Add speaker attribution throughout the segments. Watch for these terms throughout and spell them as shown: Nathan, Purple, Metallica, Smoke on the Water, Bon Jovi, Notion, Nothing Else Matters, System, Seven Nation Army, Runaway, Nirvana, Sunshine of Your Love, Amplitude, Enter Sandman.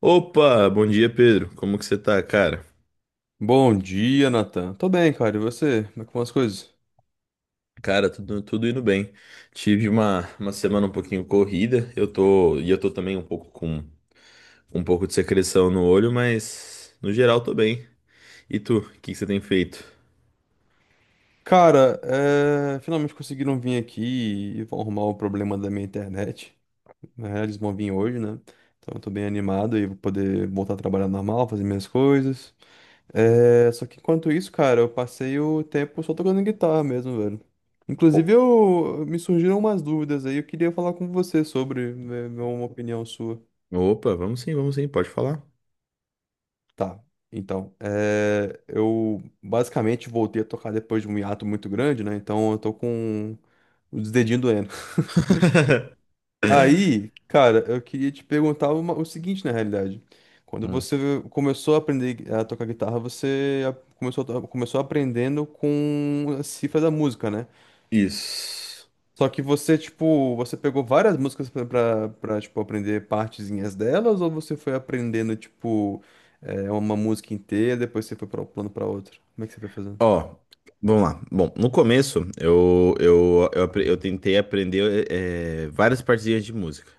Speaker 1: Opa, bom dia, Pedro. Como que você tá, cara?
Speaker 2: Bom dia, Nathan. Tô bem, cara. E você? Como é que vão as coisas?
Speaker 1: Cara, tudo indo bem. Tive uma semana um pouquinho corrida. E eu tô também um pouco com um pouco de secreção no olho, mas no geral tô bem. E tu, o que que você tem feito?
Speaker 2: Cara, finalmente conseguiram vir aqui e vão arrumar o problema da minha internet, né? Eles vão vir hoje, né? Então eu tô bem animado e vou poder voltar a trabalhar normal, fazer minhas coisas. Só que enquanto isso, cara, eu passei o tempo só tocando guitarra mesmo, velho. Inclusive,
Speaker 1: O-
Speaker 2: me surgiram umas dúvidas aí. Eu queria falar com você sobre, ver uma opinião sua.
Speaker 1: Opa, vamos sim, pode falar.
Speaker 2: Tá. Então, eu basicamente voltei a tocar depois de um hiato muito grande, né? Então eu tô com os dedinhos doendo. Aí, cara, eu queria te perguntar o seguinte, na realidade. Quando
Speaker 1: Hum.
Speaker 2: você começou a aprender a tocar guitarra, você começou aprendendo com a cifra da música, né?
Speaker 1: Isso.
Speaker 2: Só que você, tipo, você pegou várias músicas pra, tipo, aprender partezinhas delas, ou você foi aprendendo, tipo, uma música inteira, depois você foi pra um plano pra outro? Como é que você foi fazendo?
Speaker 1: Ó, vamos lá. Bom, no começo eu tentei aprender várias partezinhas de música.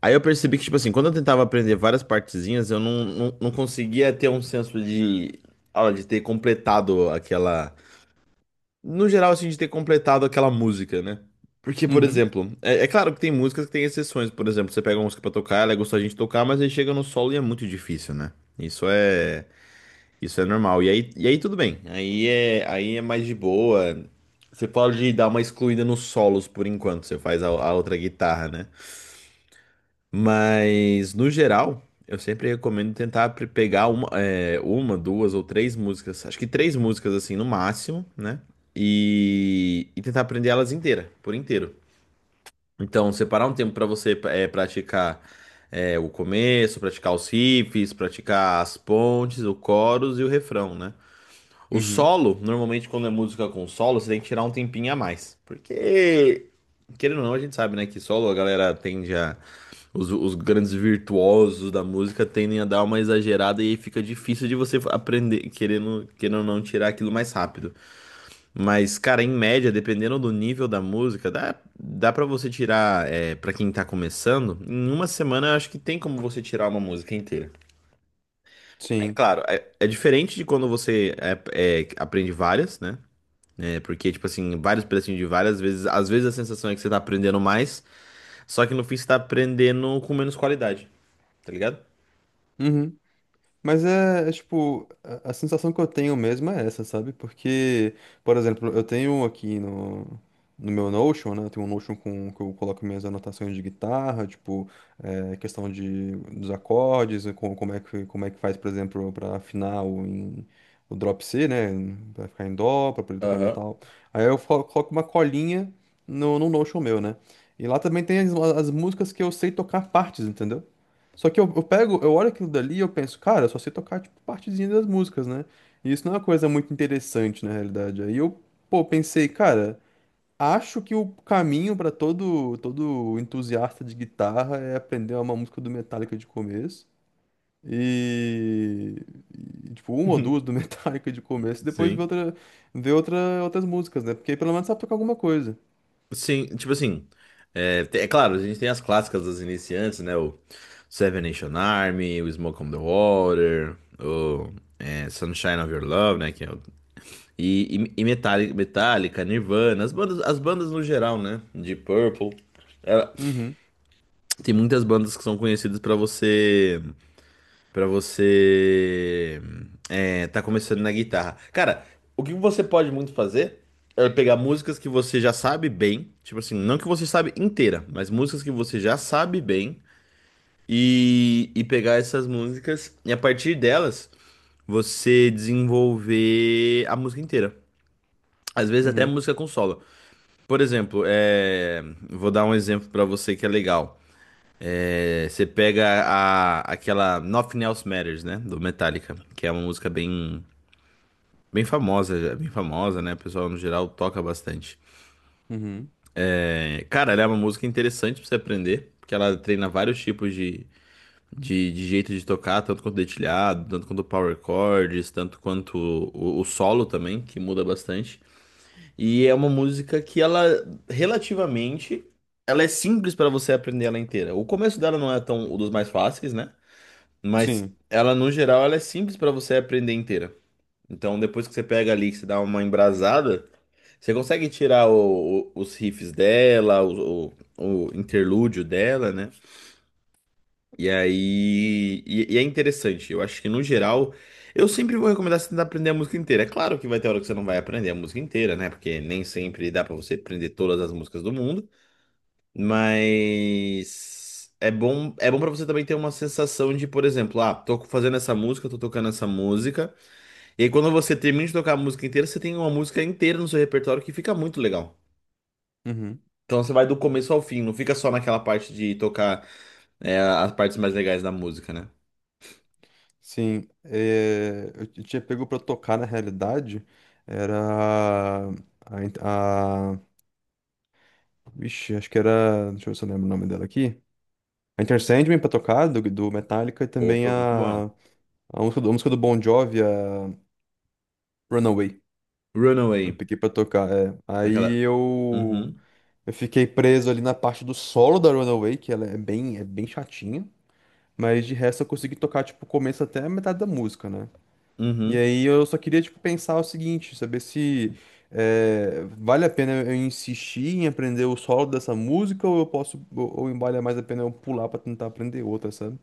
Speaker 1: Aí eu percebi que, tipo assim, quando eu tentava aprender várias partezinhas, eu não conseguia ter um senso de ter completado aquela. No geral, assim, de ter completado aquela música, né? Porque, por
Speaker 2: Uhum.
Speaker 1: exemplo, é claro que tem músicas que tem exceções. Por exemplo, você pega uma música pra tocar, ela é gostosa de tocar, mas aí chega no solo e é muito difícil, né? Isso é. Isso é normal. E aí tudo bem. Aí é mais de boa. Você pode dar uma excluída nos solos por enquanto, você faz a outra guitarra, né? Mas, no geral, eu sempre recomendo tentar pegar uma, duas ou três músicas, acho que três músicas assim no máximo, né? E tentar aprender elas inteira, por inteiro. Então, separar um tempo para você praticar o começo, praticar os riffs, praticar as pontes, o chorus e o refrão, né? O
Speaker 2: Uhum.
Speaker 1: solo, normalmente quando é música com solo, você tem que tirar um tempinho a mais. Porque, querendo ou não, a gente sabe, né, que solo a galera tende a. Os grandes virtuosos da música tendem a dar uma exagerada e aí fica difícil de você aprender, querendo ou não, tirar aquilo mais rápido. Mas, cara, em média, dependendo do nível da música, dá para você tirar, para quem tá começando, em uma semana eu acho que tem como você tirar uma música inteira. É
Speaker 2: Sim.
Speaker 1: claro, é diferente de quando você aprende várias, né? É, porque, tipo assim, vários pedacinhos de várias vezes. Às vezes a sensação é que você tá aprendendo mais, só que no fim você tá aprendendo com menos qualidade, tá ligado?
Speaker 2: Uhum. Mas é, tipo, a sensação que eu tenho mesmo é essa, sabe? Porque, por exemplo, eu tenho um aqui no meu Notion, né? Eu tenho um Notion com que eu coloco minhas anotações de guitarra, tipo. É, questão dos acordes, e como é que faz, por exemplo, para afinar o drop C, né? Para ficar em dó, para poder tocar
Speaker 1: Aham.
Speaker 2: metal. Aí eu coloco uma colinha no Notion meu, né? E lá também tem as músicas que eu sei tocar partes, entendeu? Só que eu pego, eu olho aquilo dali e eu penso, cara, eu só sei tocar, tipo, partezinha das músicas, né? E isso não é uma coisa muito interessante, na realidade. Aí eu, pô, pensei, cara. Acho que o caminho para todo entusiasta de guitarra é aprender uma música do Metallica de começo e, tipo uma ou duas do Metallica de começo, e depois ver
Speaker 1: Sim.
Speaker 2: ver outra, outras músicas, né? Porque aí pelo menos sabe tocar alguma coisa.
Speaker 1: Sim, tipo assim. É, é claro, a gente tem as clássicas dos iniciantes, né? O Seven Nation Army, o Smoke on the Water, o Sunshine of Your Love, né? Que é e Metallica, Metallica, Nirvana, as bandas no geral, né? De Purple. Ela-
Speaker 2: Uhum,
Speaker 1: Tem muitas bandas que são conhecidas pra você. Pra você tá começando na guitarra. Cara, o que você pode muito fazer é pegar músicas que você já sabe bem, tipo assim, não que você sabe inteira, mas músicas que você já sabe bem e pegar essas músicas e a partir delas você desenvolver a música inteira. Às vezes até
Speaker 2: uhum,
Speaker 1: música com solo. Por exemplo, vou dar um exemplo pra você que é legal. É, você pega a, aquela Nothing Else Matters, né, do Metallica, que é uma música bem bem famosa, bem famosa, né? O pessoal no geral toca bastante.
Speaker 2: uhum.
Speaker 1: É, cara, ela é uma música interessante pra você aprender, porque ela treina vários tipos de jeito de tocar, tanto quanto dedilhado, tanto quanto power chords, tanto quanto o solo também, que muda bastante. E é uma música que ela relativamente ela é simples pra você aprender ela inteira. O começo dela não é tão um dos mais fáceis, né? Mas
Speaker 2: Sim,
Speaker 1: ela no geral ela é simples pra você aprender inteira. Então depois que você pega ali, que você dá uma embrasada, você consegue tirar os riffs dela, o interlúdio dela, né? E aí. E é interessante. Eu acho que no geral. Eu sempre vou recomendar você tentar aprender a música inteira. É claro que vai ter hora que você não vai aprender a música inteira, né? Porque nem sempre dá pra você aprender todas as músicas do mundo. Mas. É bom para você também ter uma sensação de, por exemplo, ah, tô fazendo essa música, tô tocando essa música. E aí quando você termina de tocar a música inteira, você tem uma música inteira no seu repertório que fica muito legal.
Speaker 2: uhum.
Speaker 1: Então você vai do começo ao fim, não fica só naquela parte de tocar as partes mais legais da música, né?
Speaker 2: Sim, eu tinha pego para tocar na realidade era a, a, a- vixe, acho que era, deixa eu ver se eu lembro o nome dela aqui. A Enter Sandman pra tocar, do Metallica, e também
Speaker 1: Opa, muito bom.
Speaker 2: a música do Bon Jovi, a Runaway. Eu
Speaker 1: Runaway.
Speaker 2: peguei pra tocar, é.
Speaker 1: Aquela.
Speaker 2: Aí eu,
Speaker 1: Uhum,
Speaker 2: eu fiquei preso ali na parte do solo da Runaway, que ela é bem chatinha. Mas de resto eu consegui tocar, tipo, o começo até a metade da música, né? E
Speaker 1: uhum.
Speaker 2: aí eu só queria, tipo, pensar o seguinte, saber se vale a pena eu insistir em aprender o solo dessa música ou eu posso, ou vale mais a pena eu pular pra tentar aprender outra, sabe?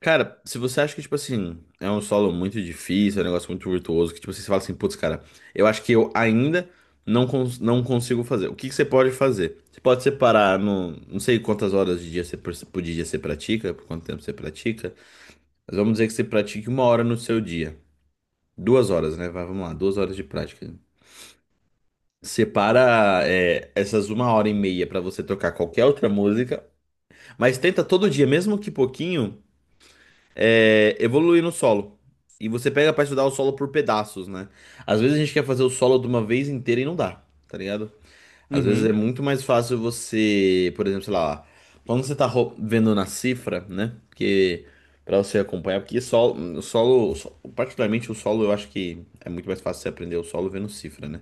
Speaker 1: Cara, se você acha que, tipo assim, é um solo muito difícil, é um negócio muito virtuoso, que, tipo assim, você fala assim, putz, cara, eu acho que eu ainda não consigo fazer. O que que você pode fazer? Você pode separar, não sei quantas horas de dia você, por dia você pratica, por quanto tempo você pratica, mas vamos dizer que você pratique uma hora no seu dia. 2 horas, né? Vai, vamos lá, 2 horas de prática. Separa, essas uma hora e meia pra você tocar qualquer outra música, mas tenta todo dia, mesmo que pouquinho, evoluir no solo. E você pega pra estudar o solo por pedaços, né? Às vezes a gente quer fazer o solo de uma vez inteira e não dá, tá ligado? Às vezes é
Speaker 2: Uhum,
Speaker 1: muito mais fácil você, por exemplo, sei lá, quando você tá vendo na cifra, né? Porque pra você acompanhar, porque particularmente o solo, eu acho que é muito mais fácil você aprender o solo vendo cifra, né?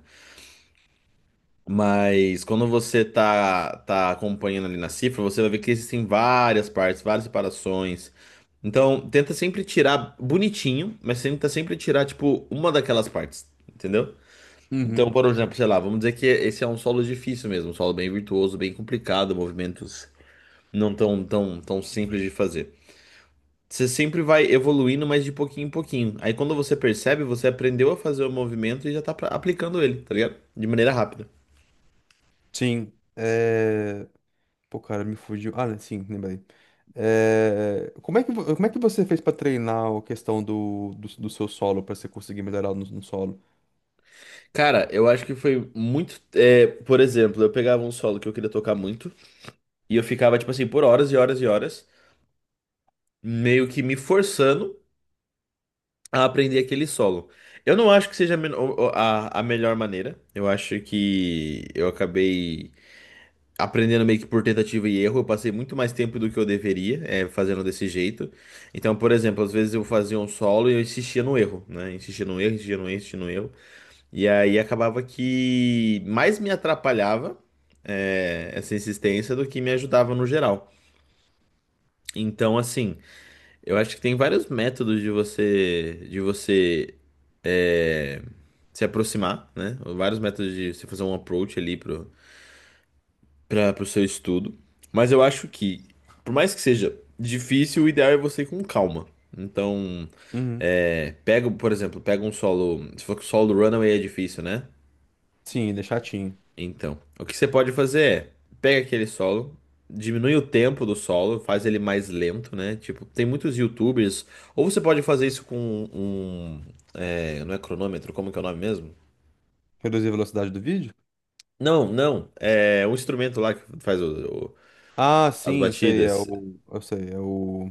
Speaker 1: Mas quando você tá acompanhando ali na cifra, você vai ver que existem várias partes, várias separações. Então, tenta sempre tirar bonitinho, mas tenta sempre tirar, tipo, uma daquelas partes, entendeu? Então,
Speaker 2: uhum.
Speaker 1: por exemplo, sei lá, vamos dizer que esse é um solo difícil mesmo, um solo bem virtuoso, bem complicado, movimentos não tão, tão, tão simples de fazer. Você sempre vai evoluindo, mas de pouquinho em pouquinho. Aí, quando você percebe, você aprendeu a fazer o movimento e já tá aplicando ele, tá ligado? De maneira rápida.
Speaker 2: Sim. É. Pô, cara, me fugiu. Ah, né, sim, lembrei. Como é que você fez pra treinar a questão do seu solo, pra você conseguir melhorar no solo?
Speaker 1: Cara, eu acho que foi muito. É, por exemplo, eu pegava um solo que eu queria tocar muito e eu ficava, tipo assim, por horas e horas e horas, meio que me forçando a aprender aquele solo. Eu não acho que seja a, men- o- a melhor maneira. Eu acho que eu acabei aprendendo meio que por tentativa e erro. Eu passei muito mais tempo do que eu deveria, fazendo desse jeito. Então, por exemplo, às vezes eu fazia um solo e eu insistia no erro, né? Insistia no erro, insistia no erro, insistia no erro. E aí acabava que mais me atrapalhava essa insistência do que me ajudava no geral. Então, assim, eu acho que tem vários métodos de você é, se aproximar, né? Vários métodos de você fazer um approach ali pro seu estudo. Mas eu acho que, por mais que seja difícil, o ideal é você ir com calma. Então,
Speaker 2: Uhum.
Speaker 1: pega, por exemplo, pega um solo. Se for que o solo do Runaway é difícil, né?
Speaker 2: Sim, ele é chatinho.
Speaker 1: Então, o que você pode fazer é pega aquele solo, diminui o tempo do solo, faz ele mais lento, né? Tipo, tem muitos YouTubers. Ou você pode fazer isso com um, não é cronômetro, como que é o nome mesmo?
Speaker 2: Reduzir a velocidade do vídeo?
Speaker 1: Não, não. É um instrumento lá que faz
Speaker 2: Ah,
Speaker 1: as
Speaker 2: sim, sei, é
Speaker 1: batidas.
Speaker 2: o. Eu sei, é o.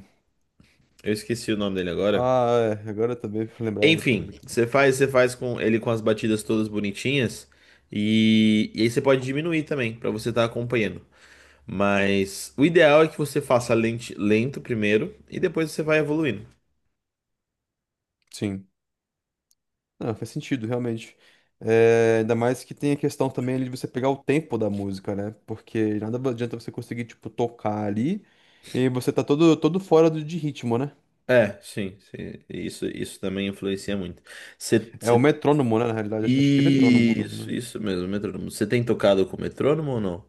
Speaker 1: Eu esqueci o nome dele agora.
Speaker 2: Ah, é, agora também pra lembrar é que eu.
Speaker 1: Enfim, você faz com ele com as batidas todas bonitinhas e aí você pode diminuir também pra você estar acompanhando. Mas o ideal é que você faça lento primeiro e depois você vai evoluindo.
Speaker 2: Sim. Não, faz sentido, realmente. É, ainda mais que tem a questão também ali de você pegar o tempo da música, né? Porque nada adianta você conseguir, tipo, tocar ali e você tá todo fora de ritmo, né?
Speaker 1: É, sim, sim. Isso também influencia muito. Você,
Speaker 2: É o
Speaker 1: você-
Speaker 2: metrônomo, né? Na realidade, acho que é metrônomo, né?
Speaker 1: Isso, isso mesmo, metrônomo. Você tem tocado com metrônomo ou não?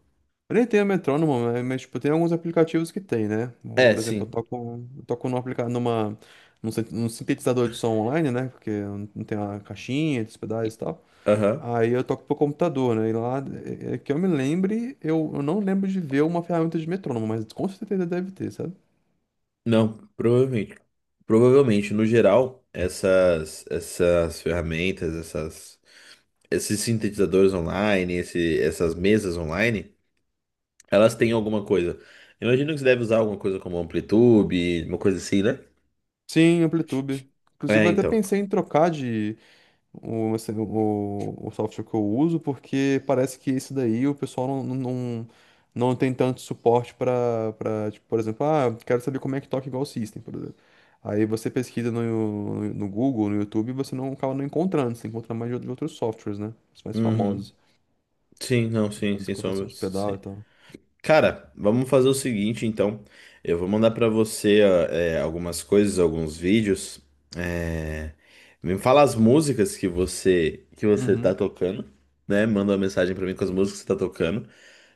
Speaker 2: Eu nem tenho metrônomo, né? Mas, tipo, tem alguns aplicativos que tem, né? Ou,
Speaker 1: É,
Speaker 2: por exemplo, eu
Speaker 1: sim.
Speaker 2: toco, eu toco num, aplica numa, num, sin- num sintetizador de som online, né? Porque não tem a caixinha, os pedais e tal.
Speaker 1: Aham.
Speaker 2: Aí eu toco pro computador, né? E lá, é que eu me lembre, eu não lembro de ver uma ferramenta de metrônomo, mas com certeza deve ter, sabe?
Speaker 1: Não, provavelmente. Provavelmente, no geral, essas, ferramentas, esses sintetizadores online, essas mesas online. Elas têm alguma coisa. Imagino que você deve usar alguma coisa como amplitude, uma coisa assim, né?
Speaker 2: Sim, Amplitude. Inclusive,
Speaker 1: É,
Speaker 2: eu até
Speaker 1: então.
Speaker 2: pensei em trocar de o software que eu uso, porque parece que esse daí o pessoal não não tem tanto suporte para, tipo, por exemplo, ah, eu quero saber como é que toca igual o System, por exemplo. Aí você pesquisa no Google, no YouTube, e você não acaba não encontrando, você encontra mais de outros softwares, né? Os mais
Speaker 1: Uhum.
Speaker 2: famosos.
Speaker 1: Sim, não, sim,
Speaker 2: Fazer
Speaker 1: sem sombra,
Speaker 2: conversões de
Speaker 1: sim.
Speaker 2: pedal e tal.
Speaker 1: Cara, vamos fazer o seguinte, então. Eu vou mandar pra você ó, algumas coisas, alguns vídeos. É, me fala as músicas que você tá
Speaker 2: Uhum.
Speaker 1: tocando, né? Manda uma mensagem pra mim com as músicas que você tá tocando.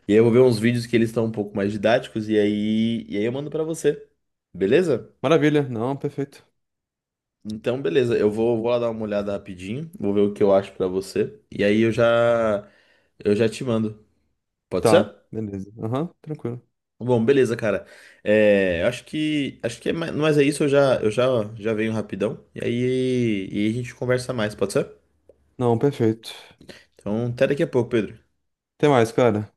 Speaker 1: E aí eu vou ver uns vídeos que eles estão um pouco mais didáticos e aí eu mando pra você. Beleza?
Speaker 2: Maravilha. Não, perfeito.
Speaker 1: Então, beleza, eu vou lá dar uma olhada rapidinho, vou ver o que eu acho pra você. E aí eu já te mando. Pode
Speaker 2: Tá,
Speaker 1: ser?
Speaker 2: beleza. Aham, tranquilo.
Speaker 1: Bom, beleza, cara. É, eu acho que é mais, mas é isso, eu já venho rapidão. E aí a gente conversa mais, pode ser?
Speaker 2: Não, perfeito.
Speaker 1: Então, até daqui a pouco, Pedro.
Speaker 2: Até mais, cara.